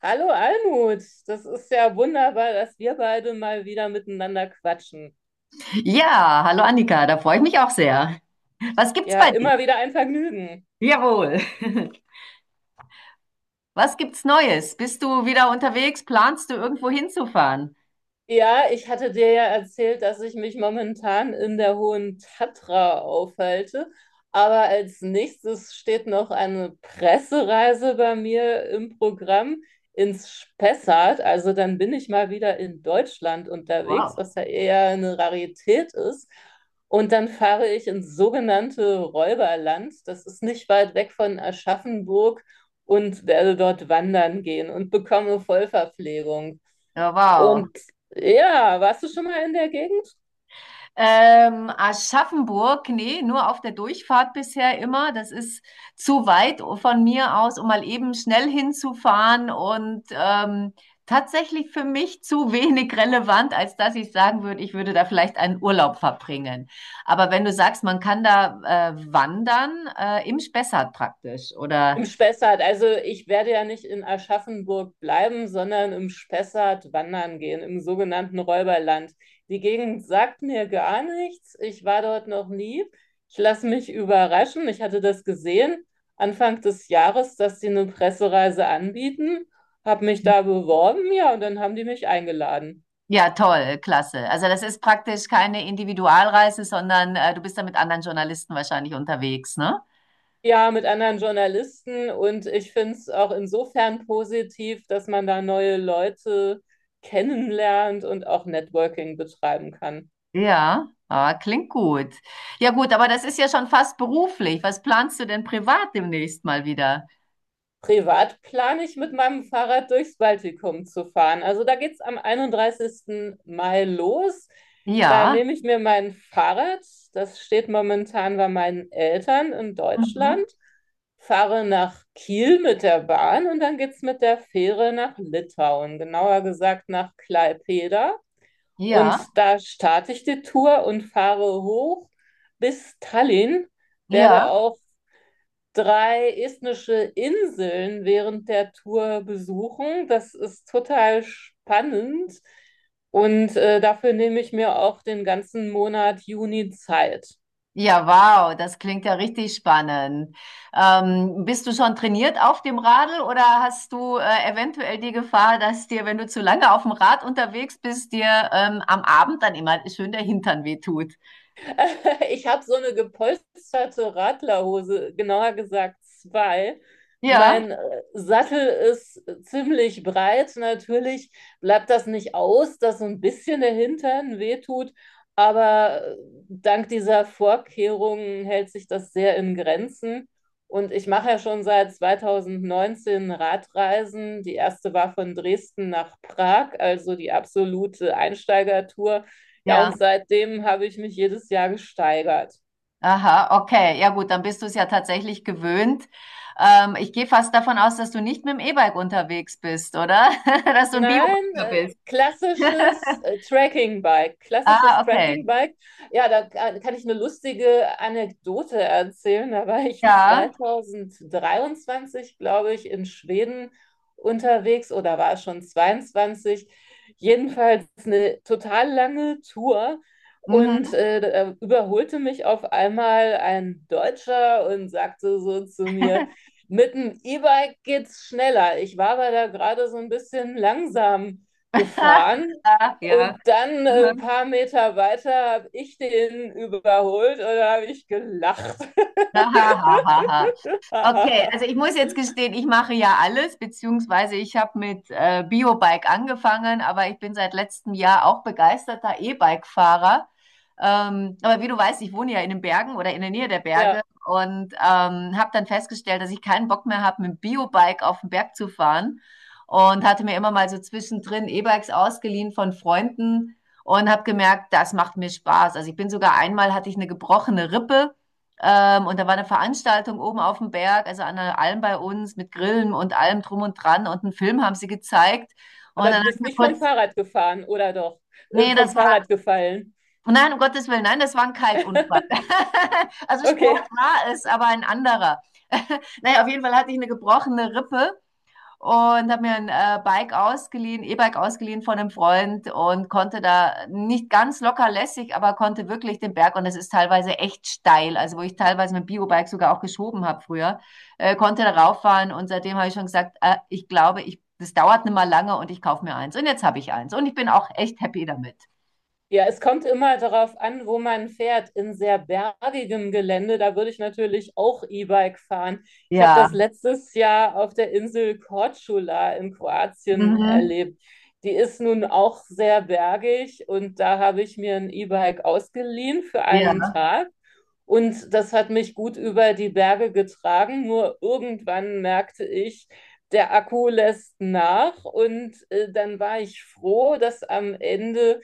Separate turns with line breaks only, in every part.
Hallo Almut, das ist ja wunderbar, dass wir beide mal wieder miteinander quatschen.
Ja, hallo Annika, da freue ich mich auch sehr. Was gibt's
Ja,
bei dir?
immer wieder ein Vergnügen.
Jawohl. Was gibt's Neues? Bist du wieder unterwegs? Planst du irgendwo hinzufahren?
Ja, ich hatte dir ja erzählt, dass ich mich momentan in der Hohen Tatra aufhalte. Aber als nächstes steht noch eine Pressereise bei mir im Programm ins Spessart. Also dann bin ich mal wieder in Deutschland unterwegs,
Wow.
was ja eher eine Rarität ist. Und dann fahre ich ins sogenannte Räuberland. Das ist nicht weit weg von Aschaffenburg und werde dort wandern gehen und bekomme Vollverpflegung.
Oh, wow.
Und ja, warst du schon mal in der Gegend?
Aschaffenburg, nee, nur auf der Durchfahrt bisher immer. Das ist zu weit von mir aus, um mal eben schnell hinzufahren und tatsächlich für mich zu wenig relevant, als dass ich sagen würde, ich würde da vielleicht einen Urlaub verbringen. Aber wenn du sagst, man kann da wandern, im Spessart praktisch oder
Im Spessart. Also ich werde ja nicht in Aschaffenburg bleiben, sondern im Spessart wandern gehen, im sogenannten Räuberland. Die Gegend sagt mir gar nichts. Ich war dort noch nie. Ich lasse mich überraschen. Ich hatte das gesehen Anfang des Jahres, dass sie eine Pressereise anbieten, habe mich da beworben, ja, und dann haben die mich eingeladen.
ja, toll, klasse. Also das ist praktisch keine Individualreise, sondern du bist da mit anderen Journalisten wahrscheinlich unterwegs, ne?
Ja, mit anderen Journalisten, und ich finde es auch insofern positiv, dass man da neue Leute kennenlernt und auch Networking betreiben kann.
Ja, ah, klingt gut. Ja gut, aber das ist ja schon fast beruflich. Was planst du denn privat demnächst mal wieder?
Privat plane ich mit meinem Fahrrad durchs Baltikum zu fahren. Also da geht es am 31. Mai los. Da
Ja,
nehme ich mir mein Fahrrad, das steht momentan bei meinen Eltern in Deutschland,
mhm.
fahre nach Kiel mit der Bahn und dann geht es mit der Fähre nach Litauen, genauer gesagt nach Klaipeda.
Ja,
Und da starte ich die Tour und fahre hoch bis Tallinn,
ja.
werde auch drei estnische Inseln während der Tour besuchen. Das ist total spannend, und dafür nehme ich mir auch den ganzen Monat Juni Zeit.
Ja, wow, das klingt ja richtig spannend. Bist du schon trainiert auf dem Radl oder hast du eventuell die Gefahr, dass dir, wenn du zu lange auf dem Rad unterwegs bist, dir am Abend dann immer schön der Hintern wehtut?
Ich habe so eine gepolsterte Radlerhose, genauer gesagt zwei.
Ja,
Mein Sattel ist ziemlich breit. Natürlich bleibt das nicht aus, dass so ein bisschen der Hintern wehtut, aber dank dieser Vorkehrungen hält sich das sehr in Grenzen. Und ich mache ja schon seit 2019 Radreisen. Die erste war von Dresden nach Prag, also die absolute Einsteigertour. Ja, und
ja.
seitdem habe ich mich jedes Jahr gesteigert.
Aha, okay. Ja gut, dann bist du es ja tatsächlich gewöhnt. Ich gehe fast davon aus, dass du nicht mit dem E-Bike unterwegs bist, oder? Dass du ein
Nein,
Bio-Biker bist.
klassisches Tracking-Bike. Klassisches
Ah, okay.
Tracking-Bike. Ja, da kann ich eine lustige Anekdote erzählen. Da war ich
Ja.
2023, glaube ich, in Schweden unterwegs, oder war schon 22. Jedenfalls eine total lange Tour. Und
Mhm.
da überholte mich auf einmal ein Deutscher und sagte so zu mir: „Mit dem E-Bike geht's schneller." Ich war aber da gerade so ein bisschen langsam gefahren.
Ja.
Und dann ein
Mhm.
paar Meter weiter habe ich den überholt und da habe ich gelacht.
Aha. Okay, also ich muss jetzt gestehen, ich mache ja alles, beziehungsweise ich habe mit Biobike angefangen, aber ich bin seit letztem Jahr auch begeisterter E-Bike-Fahrer. Aber wie du weißt, ich wohne ja in den Bergen oder in der Nähe der Berge
Ja,
und habe dann festgestellt, dass ich keinen Bock mehr habe, mit dem Biobike auf den Berg zu fahren und hatte mir immer mal so zwischendrin E-Bikes ausgeliehen von Freunden und habe gemerkt, das macht mir Spaß. Also ich bin sogar einmal hatte ich eine gebrochene Rippe. Und da war eine Veranstaltung oben auf dem Berg, also an der Alm bei uns, mit Grillen und allem drum und dran. Und einen Film haben sie gezeigt. Und
aber
dann
du
habe ich
bist
mir
nicht vom
kurz,
Fahrrad gefahren, oder doch?
nee,
Vom
das war,
Fahrrad gefallen.
nein, um Gottes Willen, nein, das war ein Kiteunfall. Also Sport
Okay.
war es, aber ein anderer. Naja, auf jeden Fall hatte ich eine gebrochene Rippe und habe mir ein Bike ausgeliehen, E-Bike ausgeliehen von einem Freund und konnte da nicht ganz locker lässig, aber konnte wirklich den Berg und es ist teilweise echt steil, also wo ich teilweise mein Biobike sogar auch geschoben habe früher, konnte da rauffahren und seitdem habe ich schon gesagt, ich glaube, das dauert nicht mal lange und ich kaufe mir eins und jetzt habe ich eins und ich bin auch echt happy damit.
Ja, es kommt immer darauf an, wo man fährt. In sehr bergigem Gelände, da würde ich natürlich auch E-Bike fahren. Ich habe
Ja,
das letztes Jahr auf der Insel Korčula in Kroatien
mhm.
erlebt. Die ist nun auch sehr bergig und da habe ich mir ein E-Bike ausgeliehen für
Ja,
einen Tag, und das hat mich gut über die Berge getragen. Nur irgendwann merkte ich, der Akku lässt nach. Und dann war ich froh, dass am Ende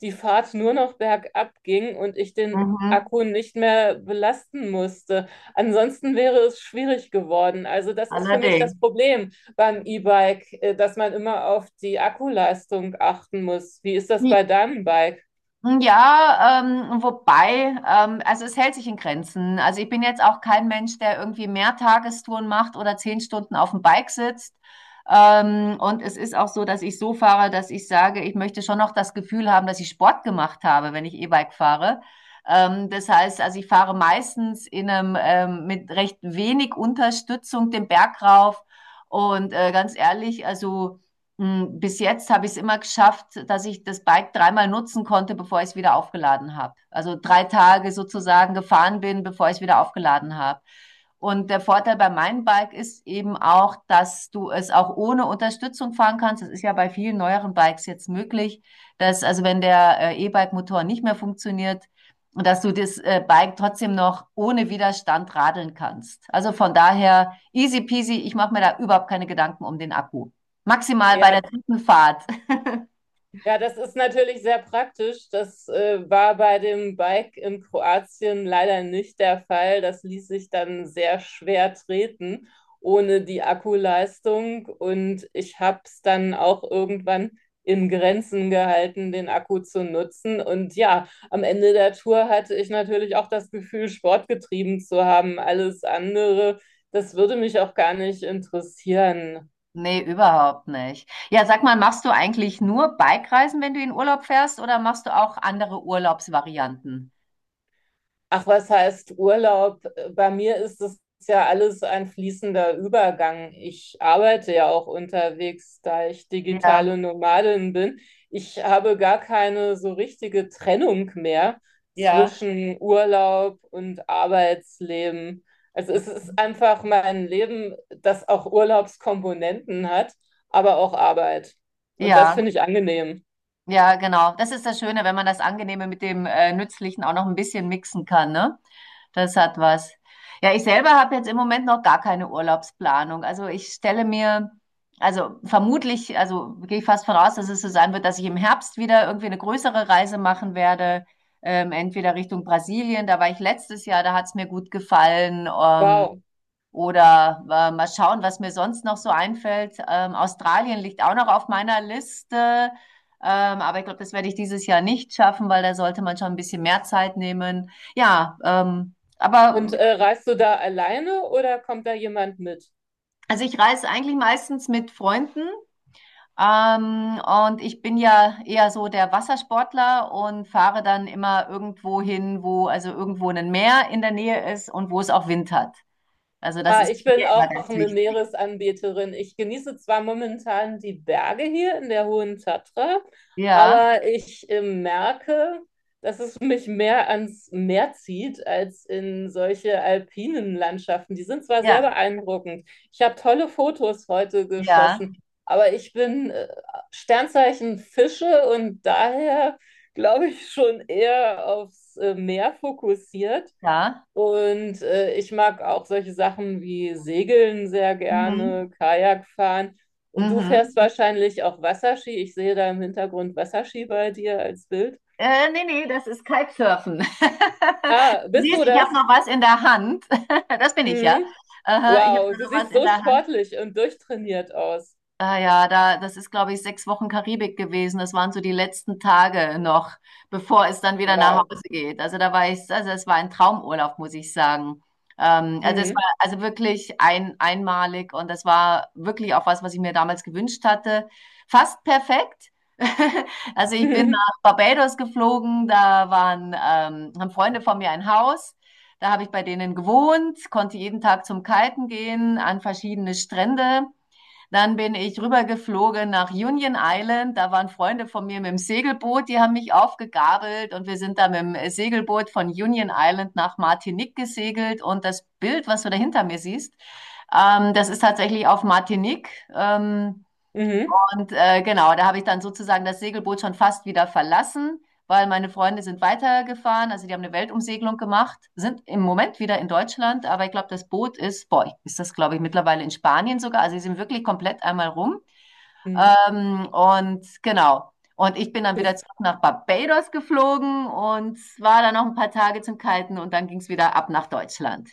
die Fahrt nur noch bergab ging und ich den
mhm.
Akku nicht mehr belasten musste. Ansonsten wäre es schwierig geworden. Also das ist für mich
Allerdings.
das Problem beim E-Bike, dass man immer auf die Akkuleistung achten muss. Wie ist das bei deinem Bike?
Ja, wobei, also es hält sich in Grenzen. Also ich bin jetzt auch kein Mensch, der irgendwie mehr Tagestouren macht oder 10 Stunden auf dem Bike sitzt. Und es ist auch so, dass ich so fahre, dass ich sage, ich möchte schon noch das Gefühl haben, dass ich Sport gemacht habe, wenn ich E-Bike fahre. Das heißt, also ich fahre meistens mit recht wenig Unterstützung den Berg rauf. Und ganz ehrlich, also bis jetzt habe ich es immer geschafft, dass ich das Bike dreimal nutzen konnte, bevor ich es wieder aufgeladen habe. Also 3 Tage sozusagen gefahren bin, bevor ich es wieder aufgeladen habe. Und der Vorteil bei meinem Bike ist eben auch, dass du es auch ohne Unterstützung fahren kannst. Das ist ja bei vielen neueren Bikes jetzt möglich, dass also wenn der E-Bike-Motor nicht mehr funktioniert, dass du das Bike trotzdem noch ohne Widerstand radeln kannst. Also von daher easy peasy, ich mache mir da überhaupt keine Gedanken um den Akku. Maximal bei der
Ja,
Truppenfahrt.
ja, das ist natürlich sehr praktisch. Das war bei dem Bike in Kroatien leider nicht der Fall. Das ließ sich dann sehr schwer treten ohne die Akkuleistung. Und ich habe es dann auch irgendwann in Grenzen gehalten, den Akku zu nutzen. Und ja, am Ende der Tour hatte ich natürlich auch das Gefühl, Sport getrieben zu haben. Alles andere, das würde mich auch gar nicht interessieren.
Nee, überhaupt nicht. Ja, sag mal, machst du eigentlich nur Bikereisen, wenn du in Urlaub fährst, oder machst du auch andere Urlaubsvarianten?
Ach, was heißt Urlaub? Bei mir ist es ja alles ein fließender Übergang. Ich arbeite ja auch unterwegs, da ich
Ja,
digitale Nomadin bin. Ich habe gar keine so richtige Trennung mehr
ja.
zwischen Urlaub und Arbeitsleben. Also es ist
Mhm.
einfach mein Leben, das auch Urlaubskomponenten hat, aber auch Arbeit. Und das
Ja,
finde ich angenehm.
ja, genau. Das ist das Schöne, wenn man das Angenehme mit dem Nützlichen auch noch ein bisschen mixen kann, ne? Das hat was. Ja, ich selber habe jetzt im Moment noch gar keine Urlaubsplanung. Also ich stelle mir, also vermutlich, also gehe ich fast von aus, dass es so sein wird, dass ich im Herbst wieder irgendwie eine größere Reise machen werde. Entweder Richtung Brasilien, da war ich letztes Jahr, da hat es mir gut gefallen. Ähm,
Wow.
oder äh, mal schauen, was mir sonst noch so einfällt. Australien liegt auch noch auf meiner Liste. Aber ich glaube, das werde ich dieses Jahr nicht schaffen, weil da sollte man schon ein bisschen mehr Zeit nehmen. Ja,
Und
aber
reist du da alleine oder kommt da jemand mit?
also ich reise eigentlich meistens mit Freunden. Und ich bin ja eher so der Wassersportler und fahre dann immer irgendwo hin, wo also irgendwo ein Meer in der Nähe ist und wo es auch Wind hat. Also das
Ah,
ist
ich bin
mir immer
auch
ganz
eine
wichtig.
Meeresanbeterin. Ich genieße zwar momentan die Berge hier in der Hohen Tatra,
Ja,
aber ich merke, dass es mich mehr ans Meer zieht als in solche alpinen Landschaften. Die sind zwar sehr
ja,
beeindruckend. Ich habe tolle Fotos heute
ja,
geschossen, aber ich bin Sternzeichen Fische und daher glaube ich schon eher aufs Meer fokussiert.
ja.
Und ich mag auch solche Sachen wie Segeln sehr
Mhm.
gerne, Kajak fahren. Und du
Mhm.
fährst wahrscheinlich auch Wasserski. Ich sehe da im Hintergrund Wasserski bei dir als Bild.
Nee, nee, das ist Kitesurfen.
Ah, bist du
Siehst, ich habe
das?
noch was in der Hand. Das bin ich ja.
Mhm.
Aha, ich habe
Wow, du
noch was
siehst
in
so
der Hand.
sportlich und durchtrainiert aus.
Ah ja, da, das ist, glaube ich, 6 Wochen Karibik gewesen. Das waren so die letzten Tage noch, bevor es dann wieder nach
Wow.
Hause geht. Also da war ich, also es war ein Traumurlaub, muss ich sagen. Also es war
Mhm.
also wirklich einmalig und das war wirklich auch was, was ich mir damals gewünscht hatte. Fast perfekt. Also ich bin
Mhm.
nach Barbados geflogen, da waren, haben Freunde von mir ein Haus. Da habe ich bei denen gewohnt, konnte jeden Tag zum Kiten gehen, an verschiedene Strände. Dann bin ich rübergeflogen nach Union Island. Da waren Freunde von mir mit dem Segelboot, die haben mich aufgegabelt und wir sind da mit dem Segelboot von Union Island nach Martinique gesegelt. Und das Bild, was du da hinter mir siehst, das ist tatsächlich auf Martinique. Ähm,
Mhm.
und genau, da habe ich dann sozusagen das Segelboot schon fast wieder verlassen, weil meine Freunde sind weitergefahren. Also die haben eine Weltumsegelung gemacht, sind im Moment wieder in Deutschland, aber ich glaube, das Boot ist, boah, ist das, glaube ich, mittlerweile in Spanien sogar. Also sie sind wirklich komplett einmal rum.
Mhm.
Und genau. Und ich bin dann wieder zurück nach Barbados geflogen und war dann noch ein paar Tage zum Kalten und dann ging es wieder ab nach Deutschland.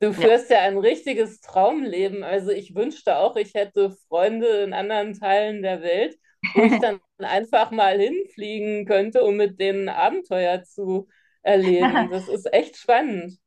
Du
Ja.
führst ja ein richtiges Traumleben. Also ich wünschte auch, ich hätte Freunde in anderen Teilen der Welt, wo ich dann einfach mal hinfliegen könnte, um mit denen Abenteuer zu erleben. Das ist echt spannend.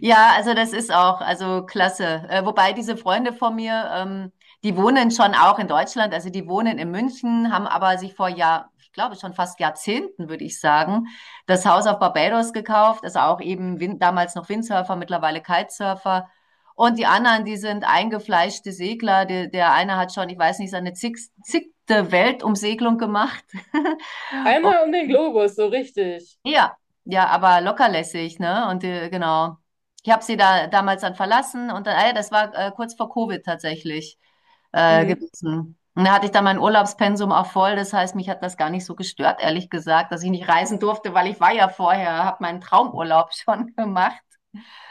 Ja, also das ist auch, also klasse. Wobei diese Freunde von mir, die wohnen schon auch in Deutschland, also die wohnen in München, haben aber sich vor Jahr, ich glaube schon fast Jahrzehnten, würde ich sagen, das Haus auf Barbados gekauft, also auch eben Win damals noch Windsurfer, mittlerweile Kitesurfer. Und die anderen, die sind eingefleischte Segler. Der eine hat schon, ich weiß nicht, seine zigte Weltumsegelung gemacht.
Einmal um den Globus, so richtig.
Ja, ja, aber lockerlässig, ne? Und genau. Ich habe sie da damals dann verlassen und dann, das war kurz vor Covid tatsächlich
Mhm.
gewesen. Und da hatte ich dann mein Urlaubspensum auch voll. Das heißt, mich hat das gar nicht so gestört, ehrlich gesagt, dass ich nicht reisen durfte, weil ich war ja vorher, habe meinen Traumurlaub schon gemacht.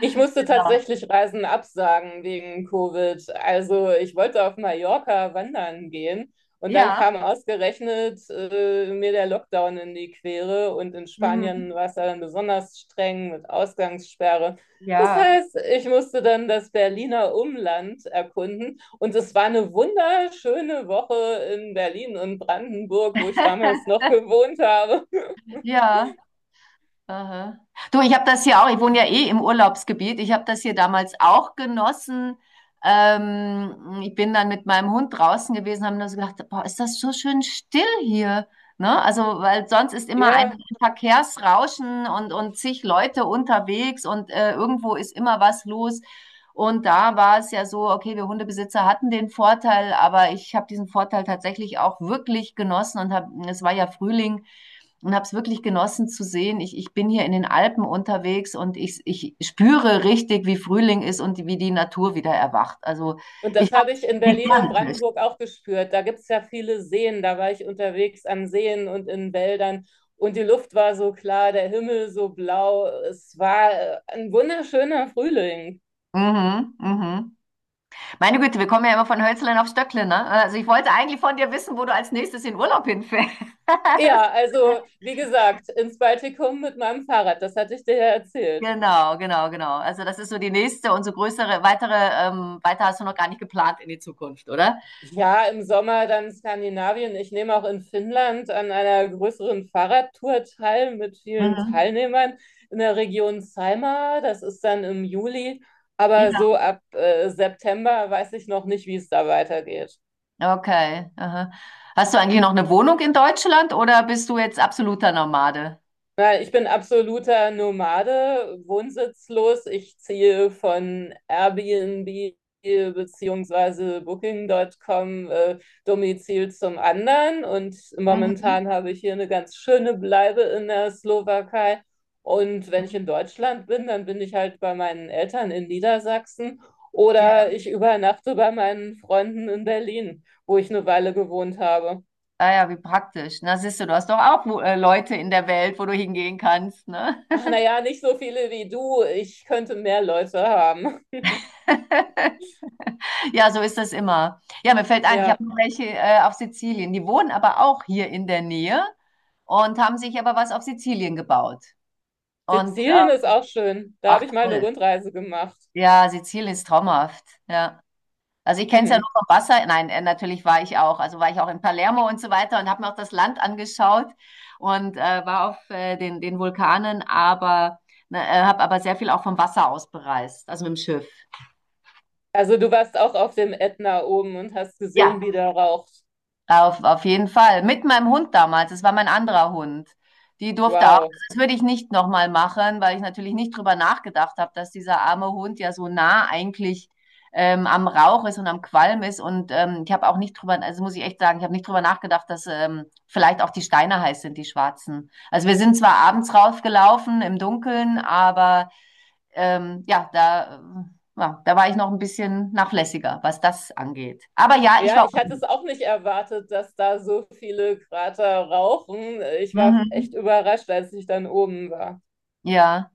Ich musste
Genau.
tatsächlich Reisen absagen wegen Covid. Also ich wollte auf Mallorca wandern gehen und dann
Ja.
kam ausgerechnet mir der Lockdown in die Quere und in Spanien
Mhm.
war es ja dann besonders streng mit Ausgangssperre. Das
Ja.
heißt, ich musste dann das Berliner Umland erkunden und es war eine wunderschöne Woche in Berlin und Brandenburg, wo ich damals noch gewohnt habe.
Ja. Aha. Du, ich habe das hier auch, ich wohne ja eh im Urlaubsgebiet, ich habe das hier damals auch genossen. Ich bin dann mit meinem Hund draußen gewesen, haben nur so gedacht, boah, ist das so schön still hier. Ne? Also, weil sonst ist immer ein
Ja,
Verkehrsrauschen und zig Leute unterwegs und irgendwo ist immer was los. Und da war es ja so, okay, wir Hundebesitzer hatten den Vorteil, aber ich habe diesen Vorteil tatsächlich auch wirklich genossen und hab, es war ja Frühling und habe es wirklich genossen zu sehen. Ich bin hier in den Alpen unterwegs und ich spüre richtig, wie Frühling ist und wie die Natur wieder erwacht. Also
und
ich
das
fand
habe
es
ich in Berlin und
gigantisch.
Brandenburg auch gespürt. Da gibt es ja viele Seen. Da war ich unterwegs an Seen und in Wäldern. Und die Luft war so klar, der Himmel so blau. Es war ein wunderschöner Frühling.
Mhm, mhm. Meine Güte, wir kommen ja immer von Hölzlein auf Stöcklein, ne? Also ich wollte eigentlich von dir wissen, wo du als nächstes in Urlaub hinfährst.
Ja, also wie gesagt, ins Baltikum mit meinem Fahrrad. Das hatte ich dir ja erzählt.
Genau, genau, genau. Also das ist so die nächste und so größere, weitere, weiter hast du noch gar nicht geplant in die Zukunft, oder?
Ja, im Sommer dann Skandinavien. Ich nehme auch in Finnland an einer größeren Fahrradtour teil mit vielen
Mhm.
Teilnehmern in der Region Saimaa. Das ist dann im Juli. Aber
Ja.
so ab September weiß ich noch nicht, wie es da weitergeht.
Okay. Aha. Hast du eigentlich noch eine Wohnung in Deutschland oder bist du jetzt absoluter Nomade?
Na, ich bin absoluter Nomade, wohnsitzlos. Ich ziehe von Airbnb beziehungsweise Booking.com Domizil zum anderen. Und
Mhm.
momentan habe ich hier eine ganz schöne Bleibe in der Slowakei. Und wenn ich
Mhm.
in Deutschland bin, dann bin ich halt bei meinen Eltern in Niedersachsen
Ja.
oder ich übernachte bei meinen Freunden in Berlin, wo ich eine Weile gewohnt habe.
Ah ja, wie praktisch. Na, siehst du, du hast doch auch wo- Leute in der Welt, wo du hingehen kannst, ne?
Ach, naja, nicht so viele wie du. Ich könnte mehr Leute haben.
Ja, so ist das immer. Ja, mir fällt ein, ich
Ja,
habe noch welche auf Sizilien. Die wohnen aber auch hier in der Nähe und haben sich aber was auf Sizilien gebaut. Und
Sizilien ist auch schön. Da habe
ach
ich mal eine
toll.
Rundreise gemacht.
Ja, Sizilien ist traumhaft. Ja. Also ich kenne es ja
Mhm.
nur vom Wasser. Nein, natürlich war ich auch. Also war ich auch in Palermo und so weiter und habe mir auch das Land angeschaut und war auf den Vulkanen, aber ne, habe aber sehr viel auch vom Wasser aus bereist, also mit dem Schiff.
Also du warst auch auf dem Ätna oben und hast
Ja,
gesehen, wie der raucht.
auf jeden Fall. Mit meinem Hund damals. Es war mein anderer Hund. Die durfte auch.
Wow.
Das würde ich nicht nochmal machen, weil ich natürlich nicht drüber nachgedacht habe, dass dieser arme Hund ja so nah eigentlich am Rauch ist und am Qualm ist. Und ich habe auch nicht drüber, also muss ich echt sagen, ich habe nicht drüber nachgedacht, dass vielleicht auch die Steine heiß sind, die schwarzen. Also wir sind zwar abends rausgelaufen im Dunkeln, aber ja, da, ja, da war ich noch ein bisschen nachlässiger, was das angeht. Aber ja, ich
Ja,
war.
ich hatte es auch nicht erwartet, dass da so viele Krater rauchen. Ich war echt
Mhm,
überrascht, als ich dann oben war.
ja.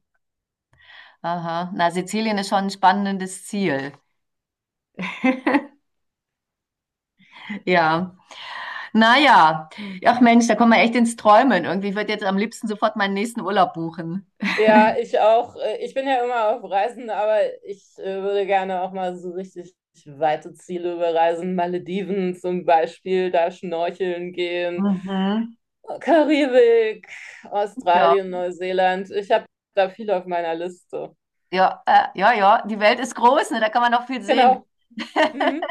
Aha, na, Sizilien ist schon ein spannendes Ziel. Ja, naja. Ach Mensch, da kommen wir echt ins Träumen. Irgendwie, ich würde jetzt am liebsten sofort meinen nächsten Urlaub buchen.
Ja, ich auch. Ich bin ja immer auf Reisen, aber ich würde gerne auch mal so richtig weite Ziele bereisen. Malediven zum Beispiel, da schnorcheln gehen.
Mhm.
Karibik,
Ja,
Australien, Neuseeland. Ich habe da viel auf meiner Liste.
ja, ja, ja, die Welt ist groß, ne? Da kann man noch viel sehen.
Genau. Mhm.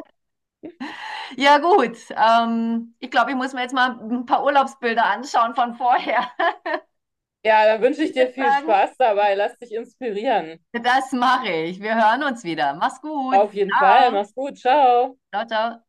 Ja, gut. Ich glaube, ich muss mir jetzt mal ein paar Urlaubsbilder anschauen von vorher.
Ja, dann wünsche ich
Ich
dir
würde
viel
sagen,
Spaß dabei. Lass dich inspirieren.
das mache ich. Wir hören uns wieder. Mach's gut.
Auf jeden Fall.
Ciao.
Mach's gut. Ciao.
Ciao, ciao.